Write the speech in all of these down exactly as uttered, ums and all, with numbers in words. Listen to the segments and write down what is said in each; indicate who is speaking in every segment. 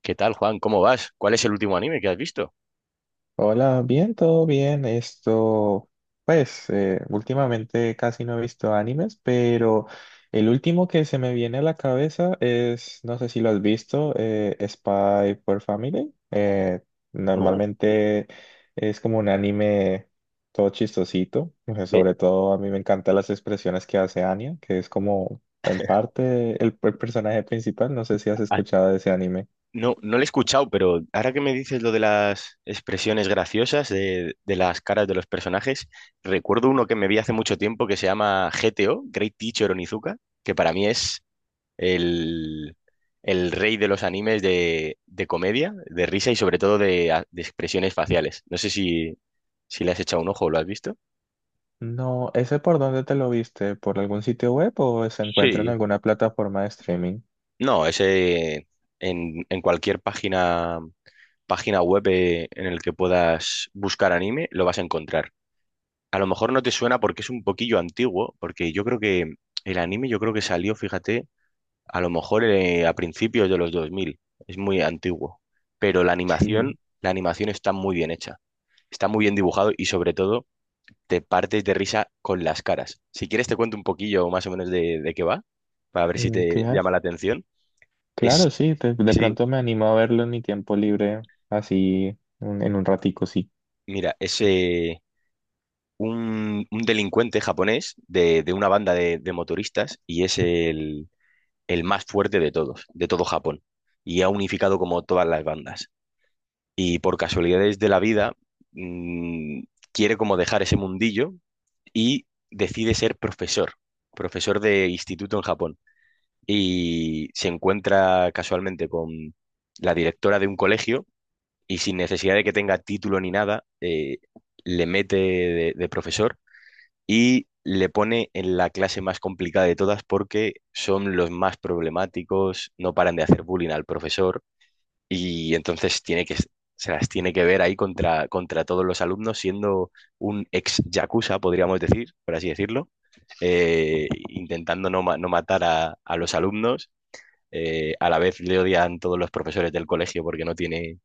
Speaker 1: ¿Qué tal, Juan? ¿Cómo vas? ¿Cuál es el último anime que has visto?
Speaker 2: Hola, bien, todo bien. Esto, pues, eh, últimamente casi no he visto animes, pero el último que se me viene a la cabeza es, no sé si lo has visto, eh, Spy por Family. Eh,
Speaker 1: No,
Speaker 2: normalmente es como un anime todo chistosito. eh,
Speaker 1: De-
Speaker 2: Sobre todo a mí me encantan las expresiones que hace Anya, que es como en parte el el personaje principal. No sé si has
Speaker 1: ah,
Speaker 2: escuchado de ese anime.
Speaker 1: no, no lo he escuchado, pero ahora que me dices lo de las expresiones graciosas de, de las caras de los personajes, recuerdo uno que me vi hace mucho tiempo que se llama G T O, Great Teacher Onizuka, que para mí es el, el rey de los animes de, de comedia, de risa y sobre todo de, a- de expresiones faciales. No sé si, si le has echado un ojo o lo has visto.
Speaker 2: No, ¿ese por dónde te lo viste? ¿Por algún sitio web o se encuentra en
Speaker 1: Sí,
Speaker 2: alguna plataforma de streaming?
Speaker 1: no, ese en, en cualquier página. Página web eh, en el que puedas buscar anime, lo vas a encontrar. A lo mejor no te suena porque es un poquillo antiguo, porque yo creo que el anime yo creo que salió, fíjate, a lo mejor eh, a principios de los dos mil, es muy antiguo, pero la
Speaker 2: Sí.
Speaker 1: animación, la animación está muy bien hecha, está muy bien dibujado y sobre todo te partes de risa con las caras. Si quieres te cuento un poquillo más o menos de, de qué va, para ver si te
Speaker 2: Claro,
Speaker 1: llama la atención.
Speaker 2: claro,
Speaker 1: Es,
Speaker 2: sí, de, de
Speaker 1: sí,
Speaker 2: pronto me animo a verlo en mi tiempo libre, así un- en un ratico, sí.
Speaker 1: mira, ese un, un delincuente japonés de, de una banda de, de motoristas y es el, el más fuerte de todos, de todo Japón. Y ha unificado como todas las bandas. Y por casualidades de la vida, mm, quiere como dejar ese mundillo y decide ser profesor, profesor de instituto en Japón. Y se encuentra casualmente con la directora de un colegio y sin necesidad de que tenga título ni nada, eh, le mete de de profesor y le pone en la clase más complicada de todas porque son los más problemáticos, no paran de hacer bullying al profesor y entonces tiene que, se las tiene que ver ahí contra, contra todos los alumnos, siendo un ex yakuza, podríamos decir, por así decirlo, eh, intentando no, ma- no matar a, a los alumnos. eh, a la vez le odian todos los profesores del colegio porque no tiene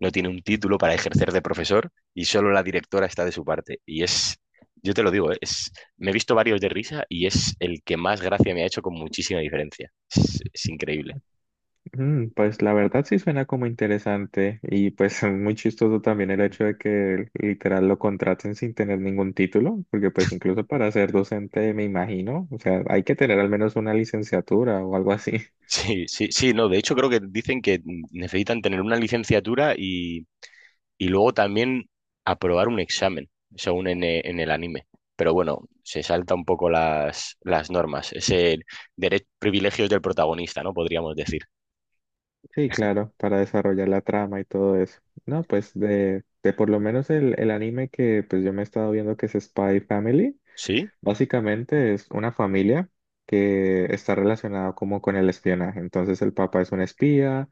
Speaker 1: no tiene un título para ejercer de profesor y solo la directora está de su parte. Y es, yo te lo digo, ¿eh? Es, me he visto varios de risa y es el que más gracia me ha hecho con muchísima diferencia. Es, es increíble.
Speaker 2: Mm, pues la verdad sí suena como interesante y pues muy chistoso también el hecho de que literal lo contraten sin tener ningún título, porque pues incluso para ser docente me imagino, o sea, hay que tener al menos una licenciatura o algo así.
Speaker 1: Sí, sí, sí, no, de hecho creo que dicen que necesitan tener una licenciatura y, y luego también aprobar un examen, según en, e- en el anime. Pero bueno, se salta un poco las, las normas, ese dere- privilegios del protagonista, ¿no? Podríamos decir.
Speaker 2: Sí, claro, para desarrollar la trama y todo eso. No, pues de, de por lo menos el, el anime que pues yo me he estado viendo que es Spy Family,
Speaker 1: Sí,
Speaker 2: básicamente es una familia que está relacionada como con el espionaje. Entonces el papá es un espía,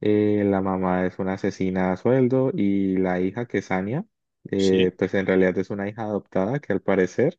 Speaker 2: eh, la mamá es una asesina a sueldo y la hija que es Anya,
Speaker 1: sí.
Speaker 2: eh, pues en realidad es una hija adoptada que al parecer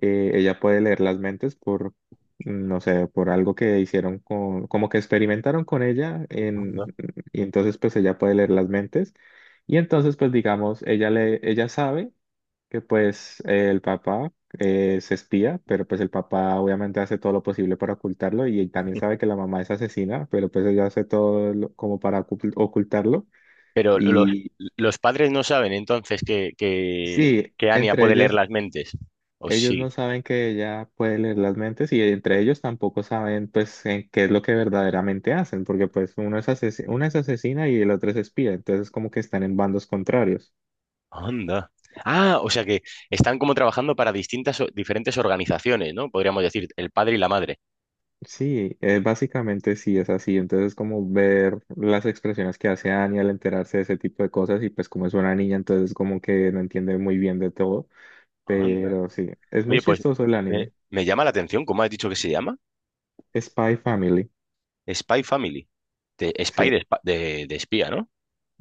Speaker 2: eh, ella puede leer las mentes por, mm, no sé, por algo que hicieron con, como que experimentaron con ella en, y entonces pues ella puede leer las mentes y entonces pues digamos, ella le, ella sabe que pues eh, el papá eh, es espía, pero pues el papá obviamente hace todo lo posible para ocultarlo y él también sabe que la mamá es asesina, pero pues ella hace todo lo- como para ocult- ocultarlo
Speaker 1: Pero los,
Speaker 2: y
Speaker 1: los padres no saben entonces que, que,
Speaker 2: sí,
Speaker 1: que Anya
Speaker 2: entre
Speaker 1: puede leer
Speaker 2: ellos.
Speaker 1: las mentes. ¿O
Speaker 2: Ellos
Speaker 1: sí?
Speaker 2: no saben que ella puede leer las mentes y entre ellos tampoco saben pues en qué es lo que verdaderamente hacen, porque pues uno es asesino, una es asesina y el otro es espía, entonces como que están en bandos contrarios.
Speaker 1: Anda. Ah, o sea que están como trabajando para distintas, o- diferentes organizaciones, ¿no? Podríamos decir, el padre y la madre.
Speaker 2: Sí, eh, básicamente sí es así, entonces como ver las expresiones que hace Annie al enterarse de ese tipo de cosas y pues como es una niña, entonces como que no entiende muy bien de todo,
Speaker 1: Anda.
Speaker 2: pero sí, es muy
Speaker 1: Oye, pues
Speaker 2: chistoso el
Speaker 1: me,
Speaker 2: anime.
Speaker 1: me llama la atención, ¿cómo has dicho que se llama?
Speaker 2: Spy Family,
Speaker 1: Spy Family. De, spy
Speaker 2: sí,
Speaker 1: de, espa- de, de espía, ¿no?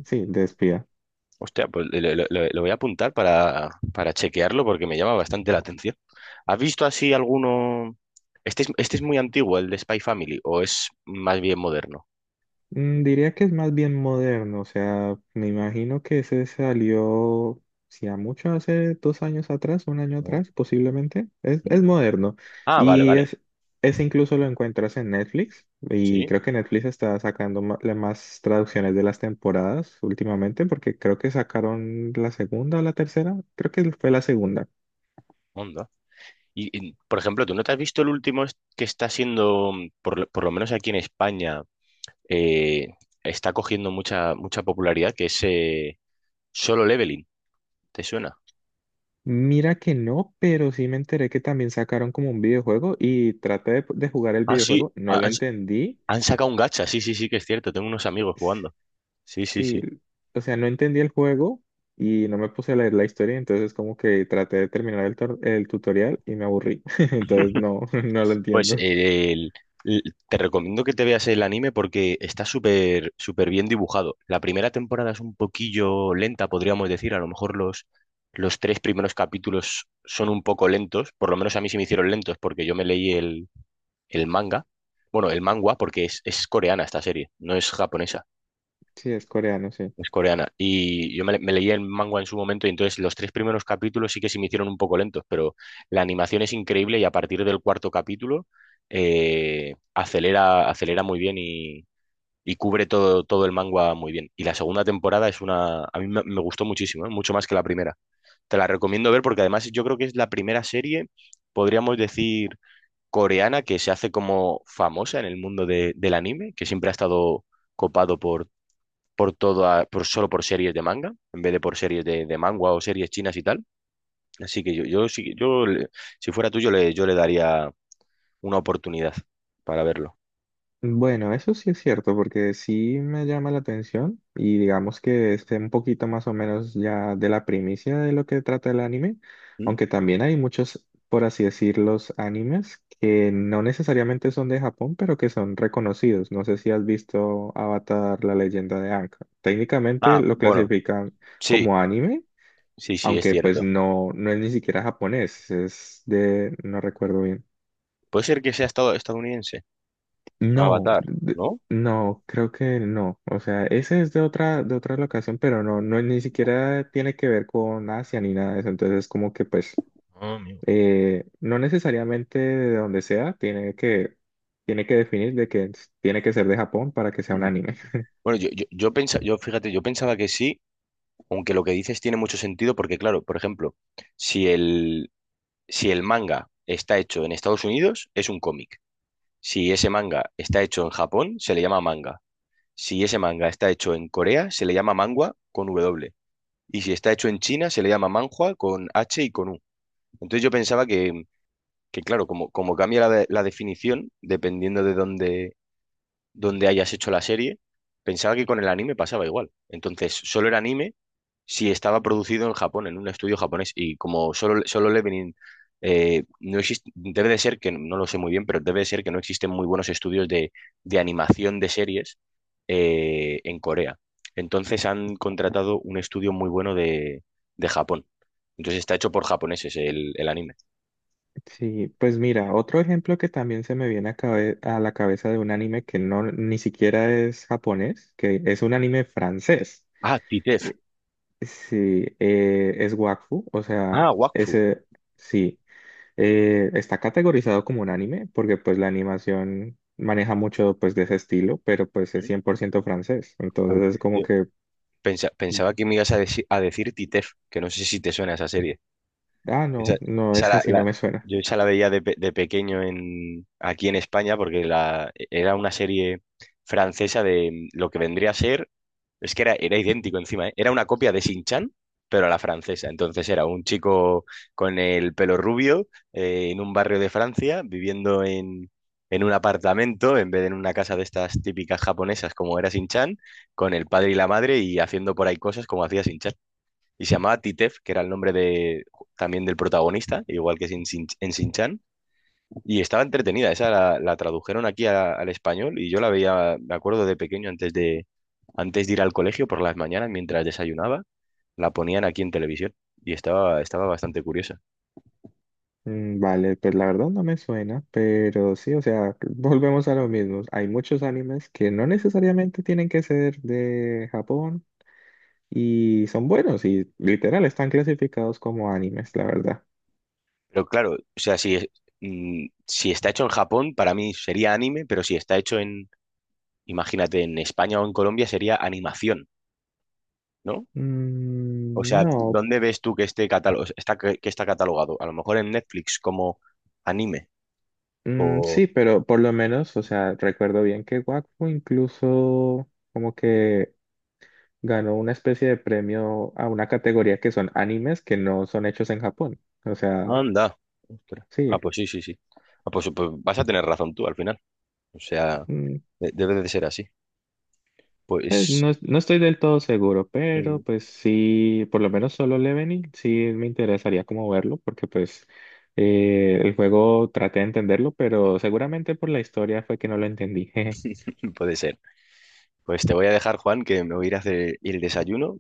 Speaker 2: sí, de espía.
Speaker 1: Hostia, pues le- le- le- lo voy a apuntar para, para chequearlo porque me llama bastante la atención. ¿Has visto así alguno? Este es, este es muy antiguo, el de Spy Family, o es más bien moderno,
Speaker 2: Mm, diría que es más bien moderno, o sea, me imagino que ese salió, si a mucho, hace dos años atrás, un año
Speaker 1: ¿no?
Speaker 2: atrás, posiblemente. Es,
Speaker 1: ¿Mm?
Speaker 2: es moderno.
Speaker 1: Ah, vale,
Speaker 2: Y
Speaker 1: vale.
Speaker 2: es, ese incluso lo encuentras en Netflix. Y
Speaker 1: Sí,
Speaker 2: creo que Netflix está sacando ma- la- más traducciones de las temporadas últimamente, porque creo que sacaron la segunda o la tercera. Creo que fue la segunda.
Speaker 1: onda. Y, y, por ejemplo, ¿tú no te has visto el último est- que está siendo, mm, por, lo por lo menos aquí en España, eh, está cogiendo mucha, mucha popularidad, que es eh, Solo Leveling? ¿Te suena?
Speaker 2: Mira que no, pero sí me enteré que también sacaron como un videojuego y traté de de jugar el
Speaker 1: Ah, sí,
Speaker 2: videojuego. No lo
Speaker 1: han,
Speaker 2: entendí.
Speaker 1: han sacado un gacha, sí, sí, sí, que es cierto, tengo unos amigos jugando. Sí, sí,
Speaker 2: Sí,
Speaker 1: sí.
Speaker 2: o sea, no entendí el juego y no me puse a leer la historia, entonces como que traté de terminar el, tor- el tutorial y me aburrí, entonces no, no lo
Speaker 1: Pues
Speaker 2: entiendo.
Speaker 1: eh, el- l- te recomiendo que te veas el anime porque está súper súper bien dibujado. La primera temporada es un poquillo lenta, podríamos decir. A lo mejor los, los tres primeros capítulos son un poco lentos. Por lo menos a mí se me hicieron lentos porque yo me leí el, el manga. Bueno, el manga porque es, es coreana esta serie, no es japonesa.
Speaker 2: Sí, es coreano, sí.
Speaker 1: Es coreana. Y yo me, me leí el manga en su momento y entonces los tres primeros capítulos sí que se me hicieron un poco lentos, pero la animación es increíble y a partir del cuarto capítulo eh, acelera, acelera muy bien y, y cubre todo, todo el manga muy bien. Y la segunda temporada es una... A mí me, me gustó muchísimo, ¿eh? Mucho más que la primera. Te la recomiendo ver porque además yo creo que es la primera serie, podríamos decir, coreana que se hace como famosa en el mundo de- del anime, que siempre ha estado copado por por todo a- por, solo por series de manga, en vez de por series de, de manga o series chinas y tal. Así que yo, yo, sí- yo le- si fuera tú, yo le, yo le daría una oportunidad para verlo.
Speaker 2: Bueno, eso sí es cierto, porque sí me llama la atención y digamos que esté un poquito más o menos ya de la primicia de lo que trata el anime,
Speaker 1: ¿Mm?
Speaker 2: aunque también hay muchos, por así decirlo, animes que no necesariamente son de Japón, pero que son reconocidos. No sé si has visto Avatar, la leyenda de Aang. Técnicamente
Speaker 1: Ah,
Speaker 2: lo
Speaker 1: bueno,
Speaker 2: clasifican
Speaker 1: sí,
Speaker 2: como anime,
Speaker 1: sí, sí, es
Speaker 2: aunque pues
Speaker 1: cierto.
Speaker 2: no, no es ni siquiera japonés, es de, no recuerdo bien.
Speaker 1: Puede ser que sea estado- estadounidense,
Speaker 2: No,
Speaker 1: Avatar,
Speaker 2: d-
Speaker 1: ¿no?
Speaker 2: no, creo que no. O sea, ese es de otra, de otra locación, pero no, no, ni siquiera tiene que ver con Asia ni nada de eso. Entonces es como que pues
Speaker 1: Ah, amigo.
Speaker 2: eh, no necesariamente de donde sea, tiene que, tiene que definir de que s- tiene que ser de Japón para que sea un
Speaker 1: Mm.
Speaker 2: anime.
Speaker 1: Bueno, yo, yo, yo pensaba, yo fíjate, yo pensaba que sí, aunque lo que dices tiene mucho sentido, porque claro, por ejemplo, si el, si el manga está hecho en Estados Unidos, es un cómic. Si ese manga está hecho en Japón, se le llama manga. Si ese manga está hecho en Corea, se le llama mangua con W. Y si está hecho en China, se le llama manhua con H y con U. Entonces yo pensaba que, que claro, como, como cambia la, de- la definición, dependiendo de dónde, dónde hayas hecho la serie, pensaba que con el anime pasaba igual. Entonces, solo era anime. Sí, estaba producido en Japón, en un estudio japonés, y como solo, solo Leveling eh, no existe, debe de ser que, no lo sé muy bien, pero debe de ser que no existen muy buenos estudios de, de animación de series eh, en Corea. Entonces han contratado un estudio muy bueno de, de Japón. Entonces está hecho por japoneses el, el anime.
Speaker 2: Sí, pues mira, otro ejemplo que también se me viene a, cabe- a la cabeza de un anime que no ni siquiera es japonés, que es un anime francés.
Speaker 1: Ah, Titef.
Speaker 2: Sí, eh, es Wakfu, o sea,
Speaker 1: Ah, Wakfu.
Speaker 2: ese sí, eh, está categorizado como un anime porque pues la animación maneja mucho pues de ese estilo, pero pues es
Speaker 1: Mm,
Speaker 2: cien por ciento francés,
Speaker 1: ok.
Speaker 2: entonces es como
Speaker 1: Yo
Speaker 2: que,
Speaker 1: pensa- pensaba que me ibas a, deci- a decir Titef, que no sé si te suena esa serie.
Speaker 2: ah,
Speaker 1: Esa-
Speaker 2: no, no,
Speaker 1: esa
Speaker 2: es
Speaker 1: la-
Speaker 2: así, no
Speaker 1: la-
Speaker 2: me suena.
Speaker 1: yo esa la veía de, pe- de pequeño en, aquí en España porque la, era una serie francesa de mm, lo que vendría a ser, es que era, era idéntico encima, ¿eh? Era una copia de Sin Chan, pero a la francesa. Entonces era un chico con el pelo rubio eh, en un barrio de Francia, viviendo en, en un apartamento en vez de en una casa de estas típicas japonesas como era Sin Chan, con el padre y la madre y haciendo por ahí cosas como hacía Sin y se llamaba Titef, que era el nombre de, también del protagonista, igual que en Shin- en Shin-Chan. Y estaba entretenida, esa la, la tradujeron aquí a- al español y yo la veía, me acuerdo de pequeño, antes de, antes de ir al colegio por las mañanas, mientras desayunaba, la ponían aquí en televisión y estaba, estaba bastante curiosa.
Speaker 2: Mm, vale, pues la verdad no me suena, pero sí, o sea, volvemos a lo mismo. Hay muchos animes que no necesariamente tienen que ser de Japón y son buenos y literal están clasificados como animes, la verdad.
Speaker 1: Pero claro, o sea, si, es- mm, si está hecho en Japón, para mí sería anime, pero si está hecho en, imagínate, en España o en Colombia, sería animación, ¿no? O
Speaker 2: Mm,
Speaker 1: sea,
Speaker 2: no,
Speaker 1: ¿dónde ves tú que esté catálogo, está, que que está catalogado? A lo mejor en Netflix como anime
Speaker 2: mm,
Speaker 1: o...
Speaker 2: sí, pero por lo menos, o sea, recuerdo bien que Wakfu incluso como que ganó una especie de premio a una categoría que son animes que no son hechos en Japón. O sea,
Speaker 1: Anda. Ostras. Ah,
Speaker 2: sí,
Speaker 1: pues sí, sí, sí. Ah, pues, pues vas a tener razón tú al final. O sea,
Speaker 2: mm,
Speaker 1: de- debe de ser así.
Speaker 2: pues
Speaker 1: Pues
Speaker 2: no, es- no estoy del todo seguro, pero
Speaker 1: mm,
Speaker 2: pues sí, por lo menos solo Leveling sí me interesaría como verlo, porque pues eh, el juego traté de entenderlo, pero seguramente por la historia fue que no lo entendí.
Speaker 1: puede ser. Pues te voy a dejar, Juan, que me voy a ir a hacer el desayuno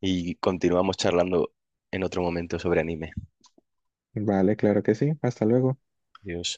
Speaker 1: y continuamos charlando en otro momento sobre anime.
Speaker 2: Vale, claro que sí, hasta luego.
Speaker 1: Adiós.